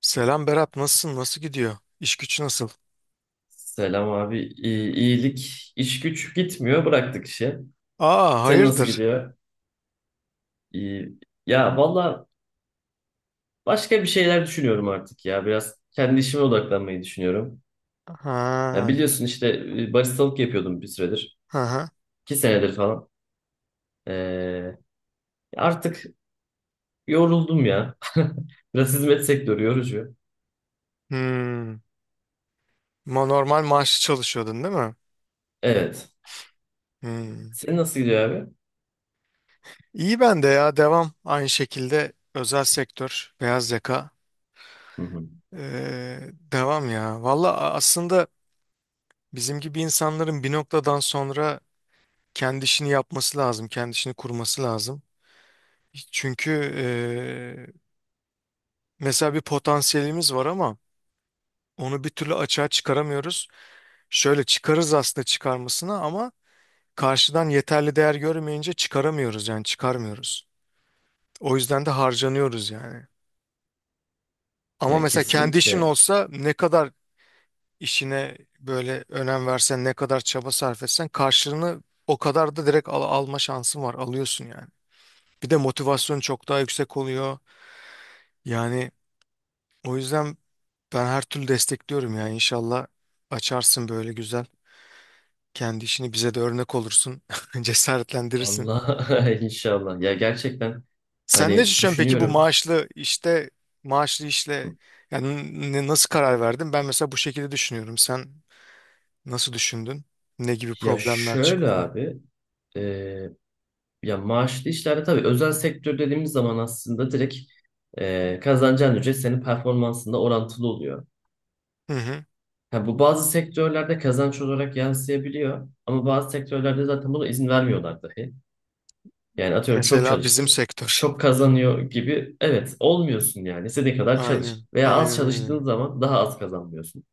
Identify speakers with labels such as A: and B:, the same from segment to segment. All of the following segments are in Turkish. A: Selam Berat, nasılsın? Nasıl gidiyor? İş güç nasıl?
B: Selam abi. İyilik, iş güç gitmiyor. Bıraktık işi.
A: Aa,
B: Sen nasıl
A: hayırdır?
B: gidiyor? İyi. Ya valla başka bir şeyler düşünüyorum artık ya. Biraz kendi işime odaklanmayı düşünüyorum.
A: Ha,
B: Ya biliyorsun işte baristalık yapıyordum bir süredir.
A: ha, ha.
B: İki senedir falan. Ee, Artık yoruldum ya. Biraz hizmet sektörü yorucu.
A: Hmm. Normal maaşlı çalışıyordun, değil mi?
B: Evet.
A: Hmm.
B: Senin nasıl gidiyor abi?
A: İyi, ben de ya, devam. Aynı şekilde özel sektör, beyaz yaka.
B: Hı hı.
A: Devam ya. Valla, aslında bizim gibi insanların bir noktadan sonra kendi işini yapması lazım, kendi işini kurması lazım. Çünkü ee, mesela bir potansiyelimiz var ama onu bir türlü açığa çıkaramıyoruz. Şöyle çıkarız aslında, çıkarmasına ama karşıdan yeterli değer görmeyince çıkaramıyoruz, yani çıkarmıyoruz. O yüzden de harcanıyoruz yani. Ama
B: Ya
A: mesela kendi işin
B: kesinlikle.
A: olsa ne kadar işine böyle önem versen, ne kadar çaba sarf etsen karşılığını o kadar da direkt alma şansın var, alıyorsun yani. Bir de motivasyon çok daha yüksek oluyor. Yani o yüzden ben her türlü destekliyorum, yani inşallah açarsın böyle güzel. Kendi işini bize de örnek olursun, cesaretlendirirsin.
B: Vallahi inşallah. Ya gerçekten
A: Sen ne
B: hani
A: düşünüyorsun peki bu
B: düşünüyorum.
A: maaşlı işte, maaşlı işle, yani nasıl karar verdin? Ben mesela bu şekilde düşünüyorum. Sen nasıl düşündün? Ne gibi
B: Ya
A: problemler
B: şöyle
A: çıktı?
B: abi, e, ya maaşlı işlerde tabii özel sektör dediğimiz zaman aslında direkt kazanacağın ücret senin performansında orantılı oluyor.
A: Hı hı.
B: Ha, bu bazı sektörlerde kazanç olarak yansıyabiliyor ama bazı sektörlerde zaten buna izin vermiyorlar dahi. Yani atıyorum çok
A: Mesela bizim
B: çalıştın,
A: sektör.
B: çok kazanıyor gibi evet olmuyorsun yani istediğin kadar çalış
A: Aynen.
B: veya az
A: Aynen öyle.
B: çalıştığın zaman daha az kazanmıyorsun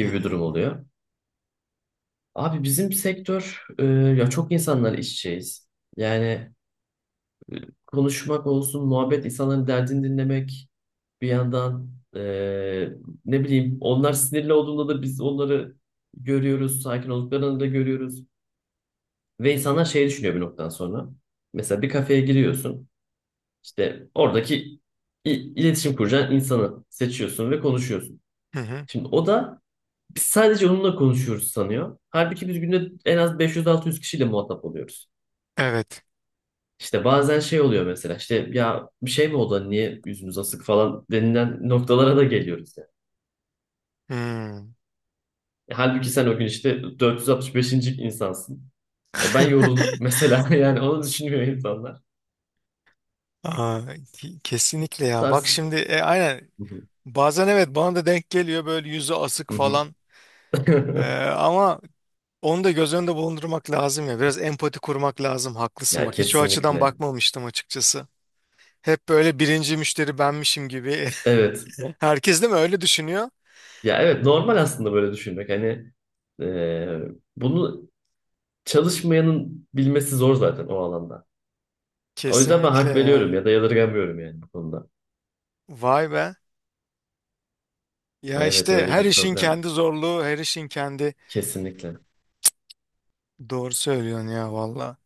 A: Hı
B: bir
A: hı.
B: durum oluyor. Abi bizim sektör ya çok insanlar işçiyiz. Yani konuşmak olsun, muhabbet, insanların derdini dinlemek bir yandan e, ne bileyim onlar sinirli olduğunda da biz onları görüyoruz, sakin olduklarını da görüyoruz. Ve insanlar şey düşünüyor bir noktadan sonra. Mesela bir kafeye giriyorsun, işte oradaki iletişim kuracağın insanı seçiyorsun ve konuşuyorsun.
A: Hı hı.
B: Şimdi o da biz sadece onunla konuşuyoruz sanıyor. Halbuki biz günde en az 500-600 kişiyle muhatap oluyoruz.
A: Evet.
B: İşte bazen şey oluyor mesela işte ya bir şey mi oldu hani niye yüzümüz asık falan denilen noktalara da geliyoruz yani.
A: Hı.
B: Halbuki sen o gün işte 465. insansın. Ya ben yoruldum mesela yani onu düşünmüyor insanlar.
A: Aa, kesinlikle
B: Bu
A: ya. Bak
B: tarz.
A: şimdi, aynen.
B: Hı hı,
A: Bazen evet, bana da denk geliyor böyle yüzü asık
B: hı
A: falan.
B: hı.
A: Ama onu da göz önünde bulundurmak lazım ya. Biraz empati kurmak lazım. Haklısın,
B: Ya
A: bak. Hiç o açıdan
B: kesinlikle.
A: bakmamıştım, açıkçası. Hep böyle birinci müşteri benmişim gibi.
B: Evet.
A: Herkes değil mi öyle düşünüyor?
B: Ya evet normal aslında böyle düşünmek. Hani e, bunu çalışmayanın bilmesi zor zaten o alanda. O yüzden ben
A: Kesinlikle
B: hak veriyorum
A: ya.
B: ya da yadırgamıyorum yani bu konuda.
A: Vay be.
B: Ya
A: Ya
B: evet
A: işte
B: öyle
A: her
B: bir
A: işin
B: problem
A: kendi zorluğu, her işin kendi...
B: kesinlikle.
A: Doğru söylüyorsun ya, valla.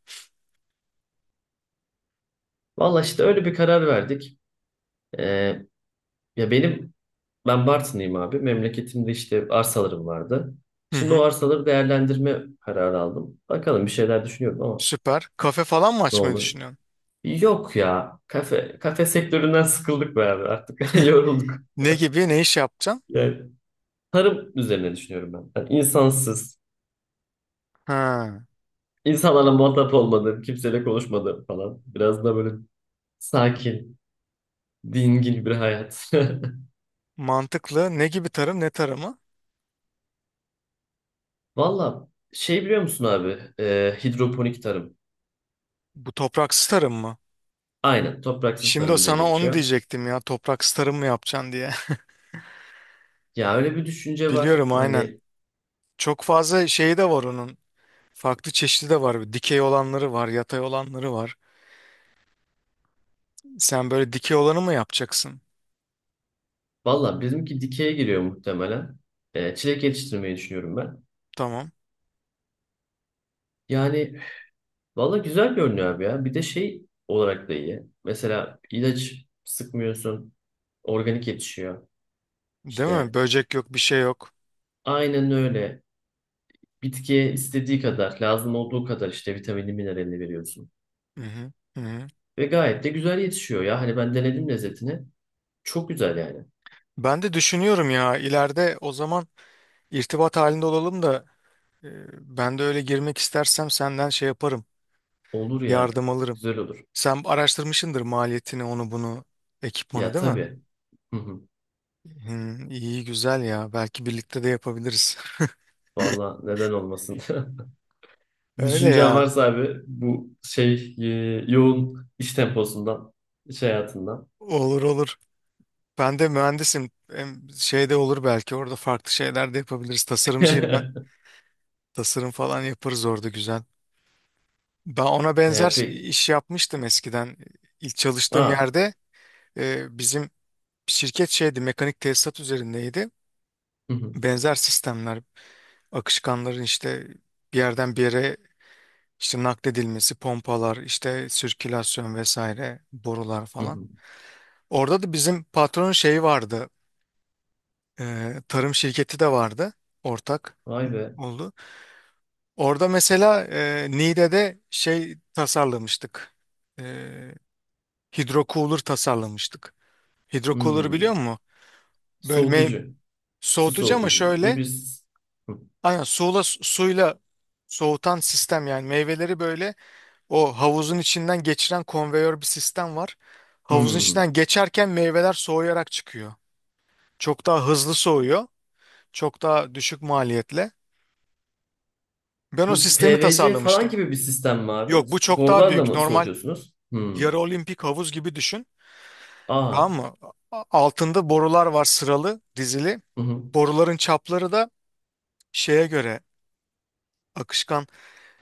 B: Valla işte öyle bir karar verdik. Ee, Ya ben Bartın'ıyım abi. Memleketimde işte arsalarım vardı.
A: Hı
B: Şimdi o
A: hı.
B: arsaları değerlendirme kararı aldım. Bakalım bir şeyler düşünüyorum ama
A: Süper. Kafe falan mı
B: ne
A: açmayı
B: olur.
A: düşünüyorsun?
B: Yok ya. Kafe sektöründen sıkıldık be abi. Artık yorulduk.
A: Ne gibi, ne iş yapacaksın?
B: Yani tarım üzerine düşünüyorum ben. Yani insansız,
A: Ha,
B: insanlarla muhatap olmadım, kimseyle konuşmadım falan. Biraz da böyle sakin, dingin bir hayat.
A: mantıklı. Ne gibi tarım, ne tarımı?
B: Valla şey biliyor musun abi? Hidroponik tarım.
A: Bu topraksız tarım mı?
B: Aynen topraksız
A: Şimdi
B: tarım diye
A: sana onu
B: geçiyor.
A: diyecektim ya. Topraksız tarım mı yapacaksın diye.
B: Ya öyle bir düşünce var.
A: Biliyorum, aynen.
B: Hani
A: Çok fazla şeyi de var onun. Farklı çeşidi de var. Dikey olanları var, yatay olanları var. Sen böyle dikey olanı mı yapacaksın?
B: valla bizimki dikeye giriyor muhtemelen. Çilek yetiştirmeyi düşünüyorum ben.
A: Tamam.
B: Yani valla güzel görünüyor abi ya. Bir de şey olarak da iyi. Mesela ilaç sıkmıyorsun. Organik yetişiyor.
A: Değil mi?
B: İşte
A: Böcek yok, bir şey yok.
B: aynen öyle. Bitkiye istediği kadar, lazım olduğu kadar işte vitamini, mineralini veriyorsun.
A: Hı hı. Hı hı.
B: Ve gayet de güzel yetişiyor ya. Hani ben denedim lezzetini. Çok güzel yani.
A: Ben de düşünüyorum ya, ileride o zaman irtibat halinde olalım da, e, ben de öyle girmek istersem senden şey yaparım.
B: Olur ya.
A: Yardım alırım.
B: Güzel olur.
A: Sen araştırmışsındır maliyetini, onu bunu, ekipmanı,
B: Ya
A: değil mi?
B: tabii.
A: Hı, iyi güzel ya. Belki birlikte de yapabiliriz.
B: Valla neden olmasın?
A: Öyle
B: Düşüncen
A: ya.
B: varsa abi bu şey yoğun iş temposundan, iş hayatından.
A: Olur olur. Ben de mühendisim. Hem şeyde olur, belki orada farklı şeyler de yapabiliriz. Tasarımcıyım ben. Tasarım falan yaparız orada güzel. Ben ona benzer
B: Peki.
A: iş yapmıştım eskiden. İlk çalıştığım
B: Aa.
A: yerde, bizim şirket şeydi, mekanik tesisat üzerindeydi.
B: Hı hı,
A: Benzer sistemler, akışkanların işte bir yerden bir yere işte nakledilmesi, pompalar, işte sirkülasyon vesaire, borular
B: hı
A: falan.
B: hı.
A: Orada da bizim patronun şeyi vardı. Tarım şirketi de vardı, ortak
B: Vay be.
A: oldu. Orada mesela Niğde'de şey tasarlamıştık. E, hidrocooler tasarlamıştık. Hidrocooler'ı biliyor
B: Hmm.
A: musun? Bölme
B: Soğutucu. Su
A: soğutucu, ama
B: soğutuculuğu
A: şöyle,
B: biz... Hı.
A: aynen suyla soğutan sistem yani, meyveleri böyle o havuzun içinden geçiren konveyör bir sistem var. Havuzun
B: Hmm.
A: içinden geçerken meyveler soğuyarak çıkıyor. Çok daha hızlı soğuyor. Çok daha düşük maliyetle. Ben o
B: Bu
A: sistemi
B: PVC falan
A: tasarlamıştım.
B: gibi bir sistem mi abi?
A: Yok, bu çok daha
B: Borularla
A: büyük.
B: mı
A: Normal
B: soğutuyorsunuz? Hmm.
A: yarı olimpik havuz gibi düşün. Tamam
B: Aa.
A: mı? Altında borular var, sıralı, dizili.
B: Hı hı,
A: Boruların çapları da şeye göre, akışkan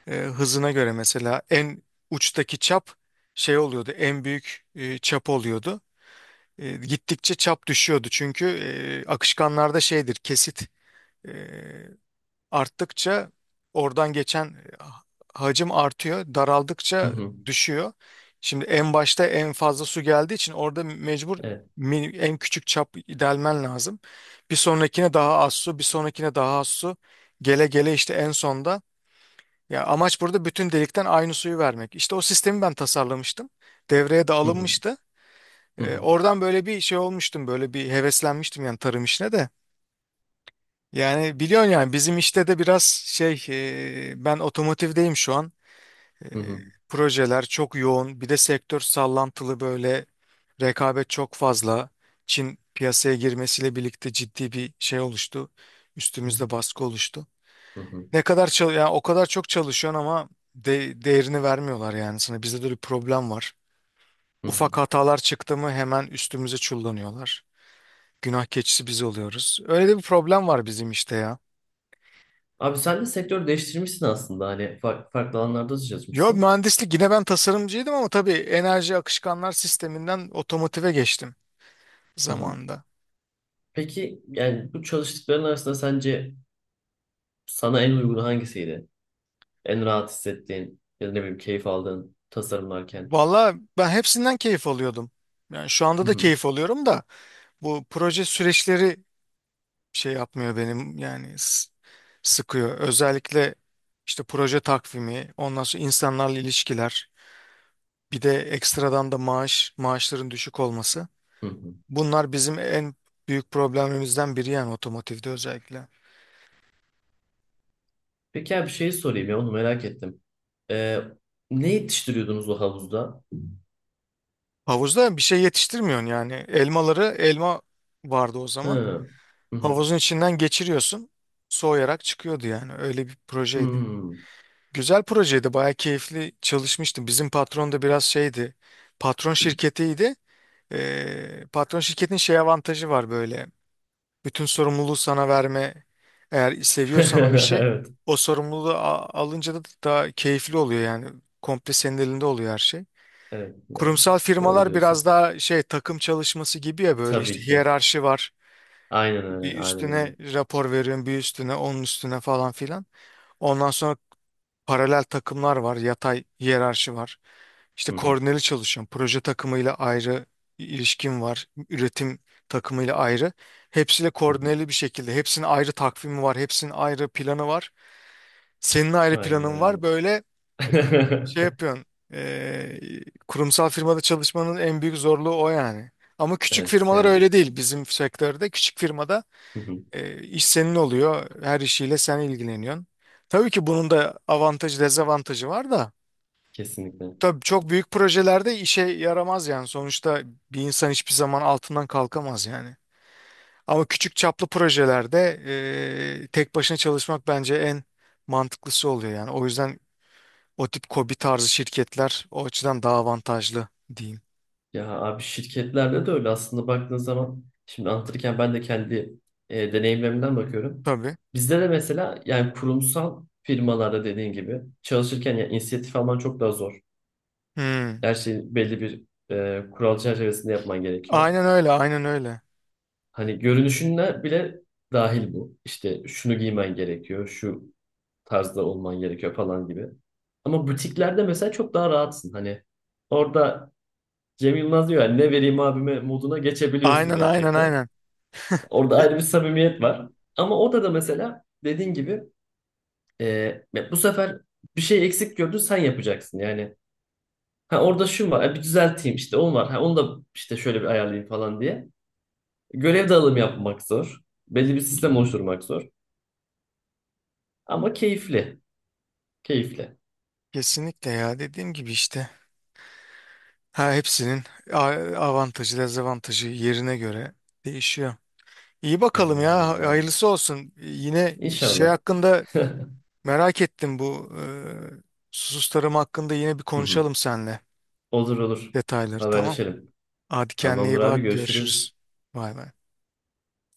A: hızına göre, mesela en uçtaki çap şey oluyordu, en büyük çap oluyordu. Gittikçe çap düşüyordu çünkü akışkanlarda şeydir, kesit e, arttıkça oradan geçen hacim artıyor.
B: hı
A: Daraldıkça
B: hı.
A: düşüyor. Şimdi en başta en fazla su geldiği için orada mecbur
B: Evet.
A: en küçük çap delmen lazım. Bir sonrakine daha az su, bir sonrakine daha az su. Gele gele işte en sonda. Ya amaç burada bütün delikten aynı suyu vermek. İşte o sistemi ben tasarlamıştım. Devreye de
B: Hı hı,
A: alınmıştı.
B: hı hı,
A: Oradan böyle bir şey olmuştum, böyle bir heveslenmiştim yani tarım işine de. Yani biliyorsun yani bizim işte de biraz şey, ben otomotivdeyim şu an. E,
B: hı hı,
A: projeler çok yoğun. Bir de sektör sallantılı böyle, rekabet çok fazla. Çin piyasaya girmesiyle birlikte ciddi bir şey oluştu. Üstümüzde baskı oluştu.
B: hı hı,
A: Ne kadar yani o kadar çok çalışıyorsun ama değerini vermiyorlar yani sana. Bizde de bir problem var.
B: hı hı.
A: Ufak hatalar çıktı mı hemen üstümüze çullanıyorlar. Günah keçisi biz oluyoruz. Öyle de bir problem var bizim işte ya.
B: Abi sen de sektör değiştirmişsin aslında hani farklı, farklı alanlarda da
A: Yo,
B: çalışmışsın.
A: mühendislik yine, ben tasarımcıydım ama tabii enerji akışkanlar sisteminden otomotive geçtim
B: Hı hı.
A: zamanında.
B: Peki yani bu çalıştıkların arasında sence sana en uygun hangisiydi? En rahat hissettiğin ya da ne bileyim keyif aldığın tasarımlarken.
A: Valla, ben hepsinden keyif alıyordum. Yani şu anda
B: Hı
A: da
B: hı.
A: keyif alıyorum da bu proje süreçleri şey yapmıyor benim yani, sıkıyor. Özellikle işte proje takvimi, ondan sonra insanlarla ilişkiler, bir de ekstradan da maaş, maaşların düşük olması.
B: Hı hı.
A: Bunlar bizim en büyük problemimizden biri, yani otomotivde özellikle.
B: Peki abi bir şey sorayım ya onu merak ettim. Ee, Ne yetiştiriyordunuz o havuzda?
A: Havuzda bir şey yetiştirmiyorsun yani. Elmaları, elma vardı o
B: Hı.
A: zaman.
B: Hı hı.
A: Havuzun içinden geçiriyorsun. Soğuyarak çıkıyordu yani. Öyle bir projeydi.
B: Hmm.
A: Güzel projeydi. Bayağı keyifli çalışmıştım. Bizim patron da biraz şeydi. Patron şirketiydi. Patron şirketin şey avantajı var böyle. Bütün sorumluluğu sana verme. Eğer seviyorsan o işi,
B: Evet.
A: o sorumluluğu alınca da daha keyifli oluyor yani. Komple senin elinde oluyor her şey.
B: Evet yani
A: Kurumsal
B: doğru
A: firmalar biraz
B: diyorsun.
A: daha şey, takım çalışması gibi ya, böyle
B: Tabii
A: işte
B: ki.
A: hiyerarşi var.
B: Aynen
A: Bir
B: öyle. Aynen öyle.
A: üstüne rapor veriyorsun, bir üstüne, onun üstüne falan filan. Ondan sonra paralel takımlar var, yatay hiyerarşi var. İşte
B: Hı hı.
A: koordineli çalışıyorum. Proje takımıyla ayrı ilişkim var. Üretim takımıyla ayrı. Hepsiyle
B: Hı hı.
A: koordineli bir şekilde. Hepsinin ayrı takvimi var. Hepsinin ayrı planı var. Senin ayrı
B: Aynen
A: planın
B: öyle.
A: var. Böyle şey yapıyorsun. e, Kurumsal firmada çalışmanın en büyük zorluğu o yani. Ama küçük
B: Evet
A: firmalar
B: yani
A: öyle değil. Bizim sektörde küçük firmada
B: hı hı,
A: iş senin oluyor. Her işiyle sen ilgileniyorsun. Tabii ki bunun da avantajı dezavantajı var da.
B: kesinlikle.
A: Tabii çok büyük projelerde işe yaramaz yani. Sonuçta bir insan hiçbir zaman altından kalkamaz yani. Ama küçük çaplı projelerde tek başına çalışmak bence en mantıklısı oluyor yani. O yüzden o tip KOBİ tarzı şirketler o açıdan daha avantajlı diyeyim.
B: Ya abi şirketlerde de öyle aslında baktığın zaman şimdi anlatırken ben de kendi deneyimlerimden bakıyorum.
A: Tabii.
B: Bizde de mesela yani kurumsal firmalarda dediğin gibi çalışırken ya inisiyatif alman çok daha zor.
A: Hmm.
B: Her şeyi belli bir kural çerçevesinde yapman gerekiyor.
A: Aynen öyle, aynen öyle.
B: Hani görünüşüne bile dahil bu. İşte şunu giymen gerekiyor, şu tarzda olman gerekiyor falan gibi. Ama butiklerde mesela çok daha rahatsın. Hani orada Cem Yılmaz diyor yani ne vereyim abime moduna geçebiliyorsun
A: Aynen, aynen,
B: gerçekten.
A: aynen.
B: Orada ayrı bir samimiyet var. Ama o da mesela dediğin gibi e, bu sefer bir şey eksik gördün sen yapacaksın yani. Ha orada şu var ha, bir düzelteyim işte onu var. Ha onu da işte şöyle bir ayarlayayım falan diye. Görev dağılımı yapmak zor. Belli bir sistem oluşturmak zor. Ama keyifli. Keyifli.
A: Kesinlikle ya, dediğim gibi işte. Ha, hepsinin avantajı, dezavantajı yerine göre değişiyor. İyi bakalım
B: Aynen
A: ya,
B: öyle abi.
A: hayırlısı olsun. Yine şey
B: İnşallah.
A: hakkında
B: Hı
A: merak ettim, bu susuz tarım hakkında yine bir
B: hı.
A: konuşalım seninle,
B: Olur olur.
A: detayları, tamam.
B: Haberleşelim.
A: Hadi kendine
B: Tamamdır
A: iyi
B: abi
A: bak,
B: görüşürüz.
A: görüşürüz. Bay bay.